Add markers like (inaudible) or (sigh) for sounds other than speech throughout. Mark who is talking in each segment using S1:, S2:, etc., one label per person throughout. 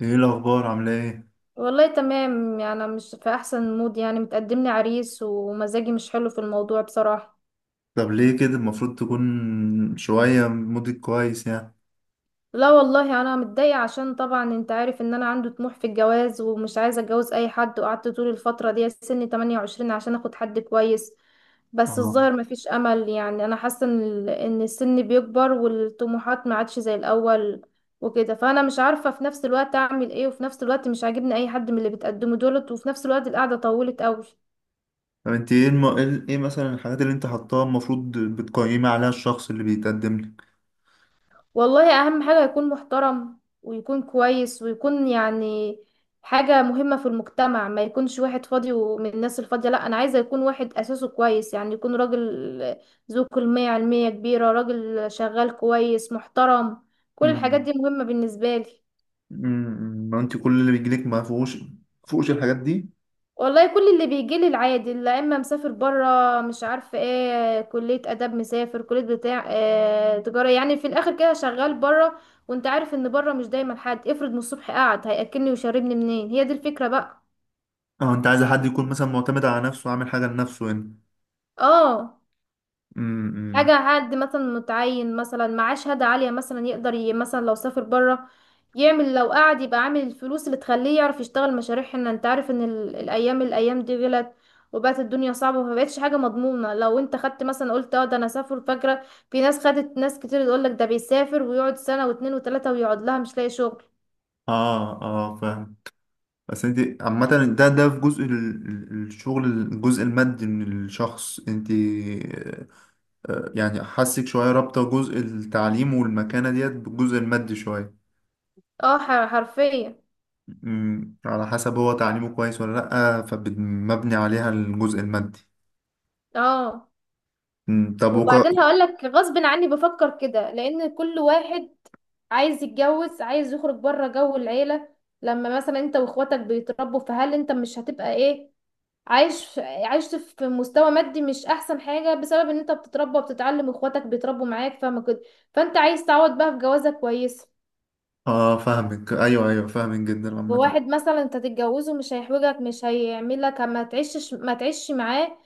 S1: ايه الاخبار؟ عامله ايه؟
S2: والله تمام، يعني أنا مش في احسن مود. يعني متقدملي عريس ومزاجي مش حلو في الموضوع بصراحة.
S1: طب ليه كده؟ المفروض تكون شويه مودك كويس يعني.
S2: لا والله انا متضايقة عشان طبعا انت عارف ان انا عندي طموح في الجواز ومش عايزة اتجوز اي حد، وقعدت طول الفترة دي سن 28 عشان اخد حد كويس. بس
S1: اه.
S2: الظاهر مفيش امل. يعني انا حاسة ان إن السن بيكبر والطموحات ما عادش زي الاول. وكده فانا مش عارفة في نفس الوقت اعمل ايه، وفي نفس الوقت مش عاجبني اي حد من اللي بتقدمه دولت، وفي نفس الوقت القعدة طولت قوي.
S1: طب انت ايه ايه إيه مثلا الحاجات اللي انت حطاها المفروض بتقيمي عليها الشخص اللي بيتقدم لك؟
S2: والله اهم حاجة يكون محترم ويكون كويس ويكون يعني حاجة مهمة في المجتمع، ما يكونش واحد فاضي ومن الناس الفاضية. لا، انا عايزة يكون واحد اساسه كويس، يعني يكون راجل ذو كلمة علمية كبيرة، راجل شغال كويس محترم. كل الحاجات
S1: امم
S2: دي مهمة بالنسبة لي.
S1: أمم، ما انت كل اللي بيجيلك ما فيهوش فوقش الحاجات دي.
S2: والله كل اللي بيجي لي العادي، لا اما مسافر بره مش عارفه ايه كليه اداب، مسافر كليه بتاع إيه تجاره، يعني في الاخر كده شغال بره. وانت عارف ان بره مش دايما حد افرض من الصبح قاعد هياكلني ويشربني منين، هي دي الفكره بقى.
S1: اه، انت عايزه حد يكون مثلا معتمد على نفسه، عامل حاجه لنفسه هنا.
S2: اه.
S1: امم.
S2: حاجة، حد مثلا متعين، مثلا معاه شهادة عالية، مثلا يقدر مثلا لو سافر برا يعمل، لو قعد يبقى عامل الفلوس اللي تخليه يعرف يشتغل مشاريع هنا. انت عارف ان الايام دي غلت وبقت الدنيا صعبة، فمبقتش حاجة مضمونة. لو انت خدت مثلا قلت اه ده انا سافر، فاكرة في ناس خدت، ناس كتير يقولك ده بيسافر ويقعد سنة واتنين وتلاتة، ويقعد لها مش لاقي شغل.
S1: اه اه فاهم. بس انت عامة، ده في جزء الشغل، الجزء المادي من الشخص، انت آه، يعني حسك شوية رابطة جزء التعليم والمكانة ديت بالجزء المادي شوية.
S2: اه حرفيا.
S1: مم، على حسب هو تعليمه كويس ولا لأ، فمبني عليها الجزء المادي.
S2: اه،
S1: مم،
S2: وبعدين هقول لك، غصب عني بفكر كده، لان كل واحد عايز يتجوز، عايز يخرج بره جو العيله. لما مثلا انت واخواتك بيتربوا، فهل انت مش هتبقى ايه، عايش في مستوى مادي مش احسن حاجه بسبب ان انت بتتربى وبتتعلم واخواتك بيتربوا معاك، فاهمه كده؟ فانت عايز تعوض بقى في جوازه كويسه.
S1: اه فاهمك، ايوه ايوه فاهمك جدا عامة.
S2: وواحد مثلا انت تتجوزه مش هيحوجك، مش هيعملك ما تعيشش معاه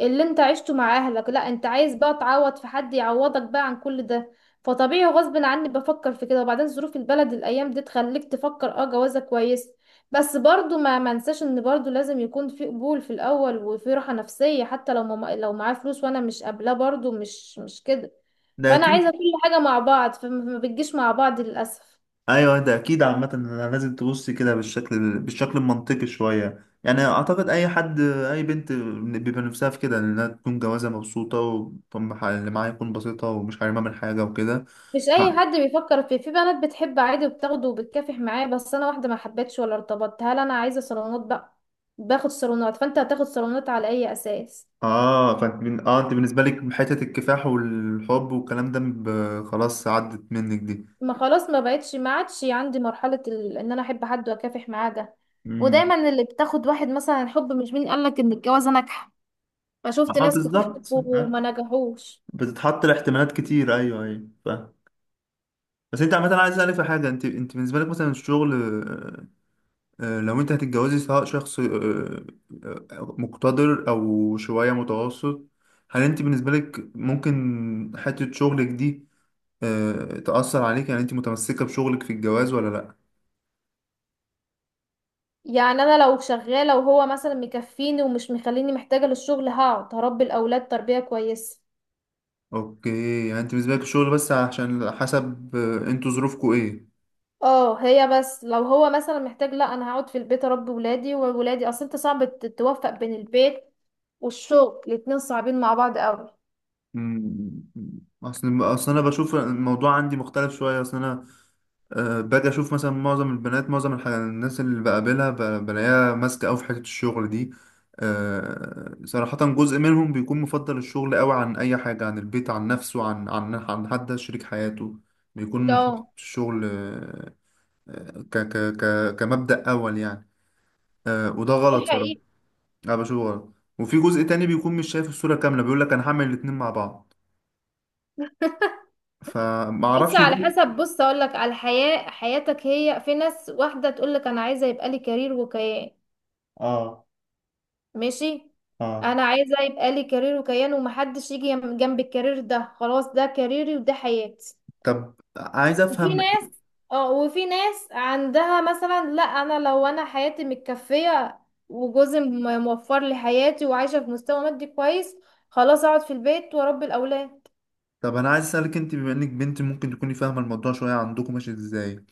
S2: اللي انت عشته مع اهلك. لا، انت عايز بقى تعوض في حد يعوضك بقى عن كل ده. فطبيعي غصب عني بفكر في كده. وبعدين ظروف البلد الايام دي تخليك تفكر اه جوازة كويس. بس برضو ما منساش ان برضو لازم يكون في قبول في الاول وفي راحة نفسية، حتى لو ما لو معاه فلوس وانا مش قابلاه برضو مش كده.
S1: ده
S2: فانا
S1: اكيد.
S2: عايزة كل حاجة مع بعض، فما ما بتجيش مع بعض للاسف.
S1: ايوه ده اكيد. عامة أنا لازم تبص كده بالشكل المنطقي شوية، يعني اعتقد اي حد، اي بنت بيبقى نفسها في كده، انها تكون جوازة مبسوطة واللي معاها يكون بسيطة ومش حارمها من حاجة وكده.
S2: مش اي حد بيفكر فيه. في بنات بتحب عادي وبتاخده وبتكافح معاه، بس انا واحده ما حبيتش ولا ارتبطت، هل انا عايزه صالونات بقى؟ باخد صالونات، فانت هتاخد صالونات على اي اساس؟
S1: اه اه انت بالنسبه لك حته الكفاح والحب والكلام خلاص عدت منك دي.
S2: ما خلاص، ما بقتش ما عادش عندي مرحله ان انا احب حد واكافح معاه ده.
S1: امم.
S2: ودايما اللي بتاخد واحد مثلا الحب، مش مين قالك ان الجواز ناجحه؟ فشفت
S1: اه
S2: ناس كتير
S1: بالظبط
S2: حبوا
S1: آه.
S2: وما نجحوش.
S1: بتتحط لاحتمالات كتير، ايوه ايوه فاهم. بس انت عامه عايز اسالك في حاجه، انت بالنسبه لك مثلا الشغل آه، آه، لو انت هتتجوزي سواء شخص آه، آه، مقتدر او شويه متوسط، هل انت بالنسبه لك ممكن حته شغلك دي آه، تأثر عليك؟ يعني انت متمسكه بشغلك في الجواز ولا لا؟
S2: يعني انا لو شغاله وهو مثلا مكفيني ومش مخليني محتاجه للشغل، هقعد هربي الاولاد تربيه كويسه.
S1: اوكي، يعني انت بالنسبه لك الشغل بس عشان حسب آه، انتوا ظروفكوا ايه.
S2: اه، هي بس لو هو مثلا محتاج، لا انا هقعد في البيت اربي ولادي. وولادي اصل انت صعب توفق بين البيت والشغل، الاتنين صعبين مع بعض قوي.
S1: مم. اصل انا بشوف الموضوع عندي مختلف شويه. اصل انا أه باجي اشوف مثلا معظم البنات، معظم الناس اللي بقابلها بلاقيها ماسكه قوي في حته الشغل دي. أه صراحه جزء منهم بيكون مفضل الشغل قوي عن اي حاجه، عن البيت، عن نفسه، عن حد شريك حياته، بيكون حاطط
S2: اه،
S1: الشغل آه، ك كمبدأ اول يعني. أه وده
S2: دي
S1: غلط صراحه.
S2: حقيقة.
S1: انا بشوفه غلط. وفي جزء تاني بيكون مش شايف الصورة كاملة، بيقول لك انا هعمل الاتنين مع بعض، فما
S2: بس
S1: اعرفش
S2: على
S1: دول.
S2: حسب، بص اقول لك على الحياة، حياتك هي في ناس واحدة تقول لك انا عايزة يبقى لي كارير وكيان،
S1: اه
S2: ماشي.
S1: اه.
S2: انا عايزة يبقى لي كارير وكيان ومحدش يجي جنب الكارير ده، خلاص ده كاريري وده حياتي.
S1: طب عايز
S2: وفي
S1: افهم،
S2: ناس، اه وفي ناس عندها مثلا لا، انا لو انا حياتي متكفية وجوزي موفر لي حياتي وعايشة في مستوى مادي كويس، خلاص اقعد في البيت واربي الاولاد.
S1: طب انا عايز اسالك انت بما انك بنت ممكن تكوني فاهمه الموضوع شويه، عندكم ماشي ازاي؟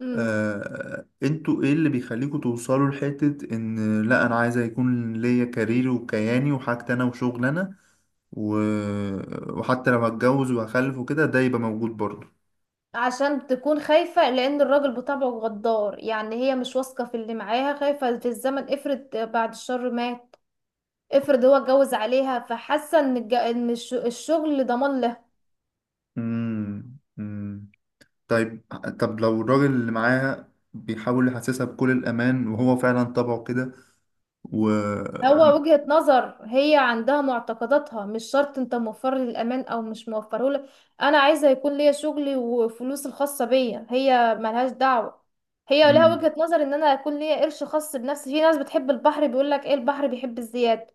S2: امم.
S1: آه... انتوا ايه اللي بيخليكوا توصلوا لحته ان لا انا عايزه يكون ليا كاريري وكياني وحاجتي انا وشغل انا و... وحتى لو هتجوز وهخلف وكده ده يبقى موجود برضه؟
S2: عشان تكون خايفة، لان الراجل بطبعه غدار. يعني هي مش واثقة في اللي معاها، خايفة في الزمن افرض بعد الشر مات، افرض هو اتجوز عليها، فحاسة ان إن الشغل ضمان لها.
S1: امم. طيب، طب لو الراجل اللي معاه بيحاول يحسسها بكل الأمان وهو فعلا طبعه كده و...
S2: هو وجهة نظر، هي عندها معتقداتها، مش شرط انت موفر لي الامان او مش موفره لي. انا عايزه يكون ليا شغلي وفلوس الخاصه بيا، هي ملهاش دعوه. هي لها
S1: مم.
S2: وجهة نظر ان انا يكون ليا قرش خاص بنفسي، في ناس بتحب البحر بيقول لك ايه، البحر بيحب الزياده.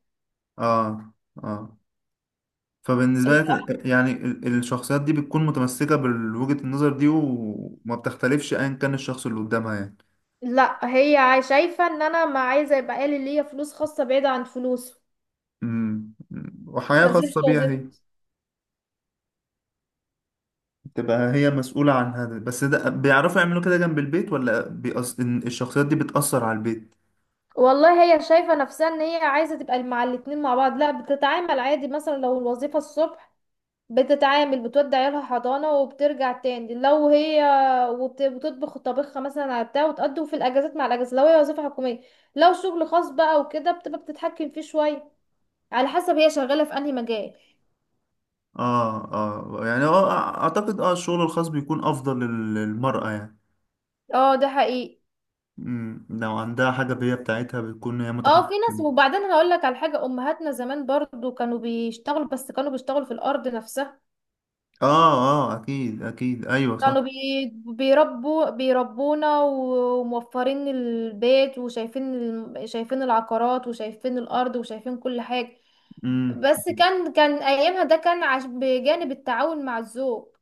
S1: آه، آه، فبالنسبة
S2: الب-
S1: لك يعني الشخصيات دي بتكون متمسكة بوجهة النظر دي وما بتختلفش أيا كان الشخص اللي قدامها يعني؟
S2: لا، هي شايفه ان انا ما عايزه يبقى إيه لي، ليا فلوس خاصه بعيده عن فلوسه،
S1: مم. مم. وحياة
S2: ما اسيبش
S1: خاصة بيها هي،
S2: وظيفتي.
S1: تبقى هي مسؤولة عن هذا، بس ده بيعرفوا يعملوا كده جنب البيت ولا إن الشخصيات دي بتأثر على البيت؟
S2: والله هي شايفه نفسها ان هي عايزه تبقى مع الاتنين مع بعض. لا، بتتعامل عادي، مثلا لو الوظيفه الصبح بتتعامل بتودي عيالها حضانة وبترجع تاني لو هي، وبتطبخ طبخها مثلا على بتاع، وتقضي في الأجازات مع الأجازة لو هي وظيفة حكومية. لو شغل خاص بقى وكده، بتبقى بتتحكم فيه شوية، على حسب هي شغالة في أنهي مجال.
S1: اه اه، يعني اه اعتقد اه الشغل الخاص بيكون افضل للمرأة يعني.
S2: اه ده حقيقي.
S1: امم، لو عندها حاجة بهي بتاعتها بتكون هي
S2: اه في ناس،
S1: متحكمة.
S2: وبعدين هقول لك على حاجة، أمهاتنا زمان برضو كانوا بيشتغلوا، بس كانوا بيشتغلوا في الأرض نفسها.
S1: اه اه، اكيد ايوه صح.
S2: كانوا بي... بيربوا بيربونا وموفرين البيت، وشايفين شايفين العقارات وشايفين الأرض وشايفين كل حاجة.
S1: امم،
S2: بس كان ايامها ده كان عش بجانب التعاون مع الذوق.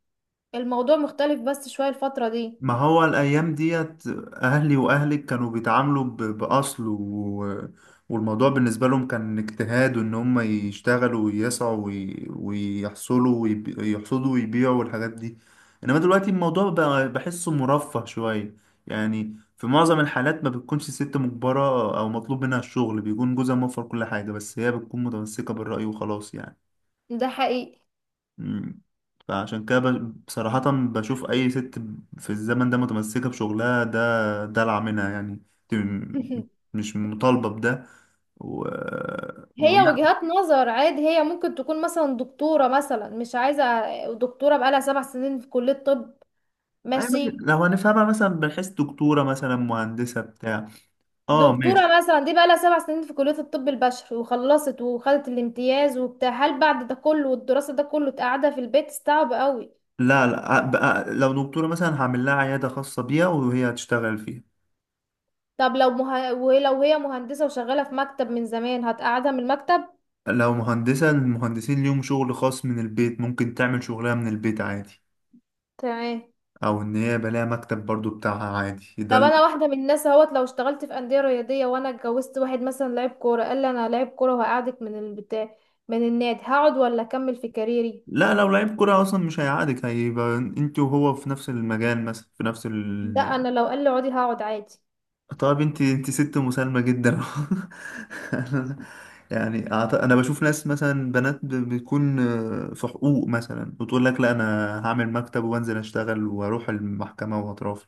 S2: الموضوع مختلف بس شوية الفترة دي.
S1: ما هو الأيام ديت أهلي وأهلك كانوا بيتعاملوا بأصل والموضوع بالنسبة لهم كان اجتهاد، وإن هم يشتغلوا ويسعوا ويحصلوا يحصدوا ويبيعوا والحاجات دي. إنما دلوقتي الموضوع بقى بحسه مرفه شوية، يعني في معظم الحالات ما بتكونش الست مجبرة أو مطلوب منها الشغل، بيكون جوزها موفر كل حاجة بس هي بتكون متمسكة بالرأي وخلاص يعني.
S2: ده حقيقي.
S1: مم. فعشان كده بصراحة بشوف أي ست في الزمن ده متمسكة بشغلها ده دلع منها يعني. دي م-
S2: (laughs)
S1: مش مطالبة بده و...
S2: هي
S1: يعني.
S2: وجهات نظر عادي، هي ممكن تكون مثلا دكتورة مثلا مش عايزة. دكتورة بقالها 7 سنين في كلية طب،
S1: أي ماشي،
S2: ماشي.
S1: لو هنفهمها مثلا من حيث دكتورة مثلا، مهندسة بتاع، اه ماشي.
S2: دكتورة مثلا دي بقالها 7 سنين في كلية الطب البشري، وخلصت وخدت الامتياز وبتاع، هل بعد ده كله والدراسة ده كله تقعدها في البيت؟ صعب قوي.
S1: لا لا، بقى لو دكتورة مثلا هعمل لها عيادة خاصة بيها وهي هتشتغل فيها.
S2: طب لو ولو هي مهندسة وشغالة في مكتب من زمان، هتقعدها من المكتب؟
S1: لو مهندسة، المهندسين ليهم شغل خاص من البيت، ممكن تعمل شغلها من البيت عادي.
S2: تمام.
S1: او ان هي بلاقي مكتب برضو بتاعها، عادي ده.
S2: طب انا واحده من الناس اهوت، لو اشتغلت في انديه رياضيه وانا اتجوزت واحد مثلا لعيب كوره، قال لي انا لعيب كوره وهقعدك من البتاع من النادي، هقعد ولا اكمل في كاريري؟
S1: لا، لو لعيب كرة أصلا مش هيعادك، هيبقى أنت وهو في نفس المجال مثلا، في نفس
S2: ده
S1: ال...
S2: انا لو قال لي اقعدي هقعد عادي.
S1: طب أنت، أنت ست مسالمة جدا. (laughs) يعني أنا بشوف ناس مثلا بنات بتكون آه، في حقوق مثلا وتقول لك لا أنا هعمل مكتب وأنزل أشتغل وأروح المحكمة وأترافع.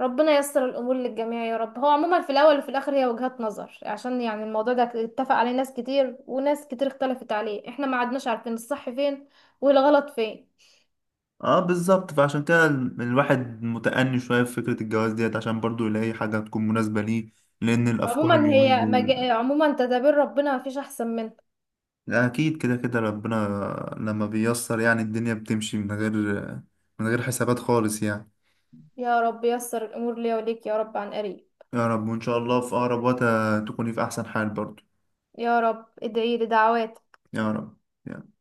S2: ربنا ييسر الامور للجميع يا رب. هو عموما في الاول وفي الاخر هي وجهات نظر، عشان يعني الموضوع ده اتفق عليه ناس كتير وناس كتير اختلفت عليه، احنا ما عدناش عارفين الصح فين والغلط فين.
S1: اه بالظبط، فعشان كده الواحد متأني شوية في فكرة الجواز ديت عشان برضو يلاقي حاجة تكون مناسبة ليه، لأن الأفكار
S2: عموما
S1: اليومين
S2: هي
S1: دول.
S2: عموما تدابير ربنا ما فيش احسن منها.
S1: لا، اكيد كده كده ربنا لما بييسر يعني الدنيا بتمشي من غير، من غير حسابات خالص يعني.
S2: يا رب ييسر الامور ليا وليك يا رب عن قريب.
S1: يا رب، وان شاء الله في اقرب وقت تكوني في احسن حال برضو.
S2: يا رب ادعيلي دعوات.
S1: يا رب.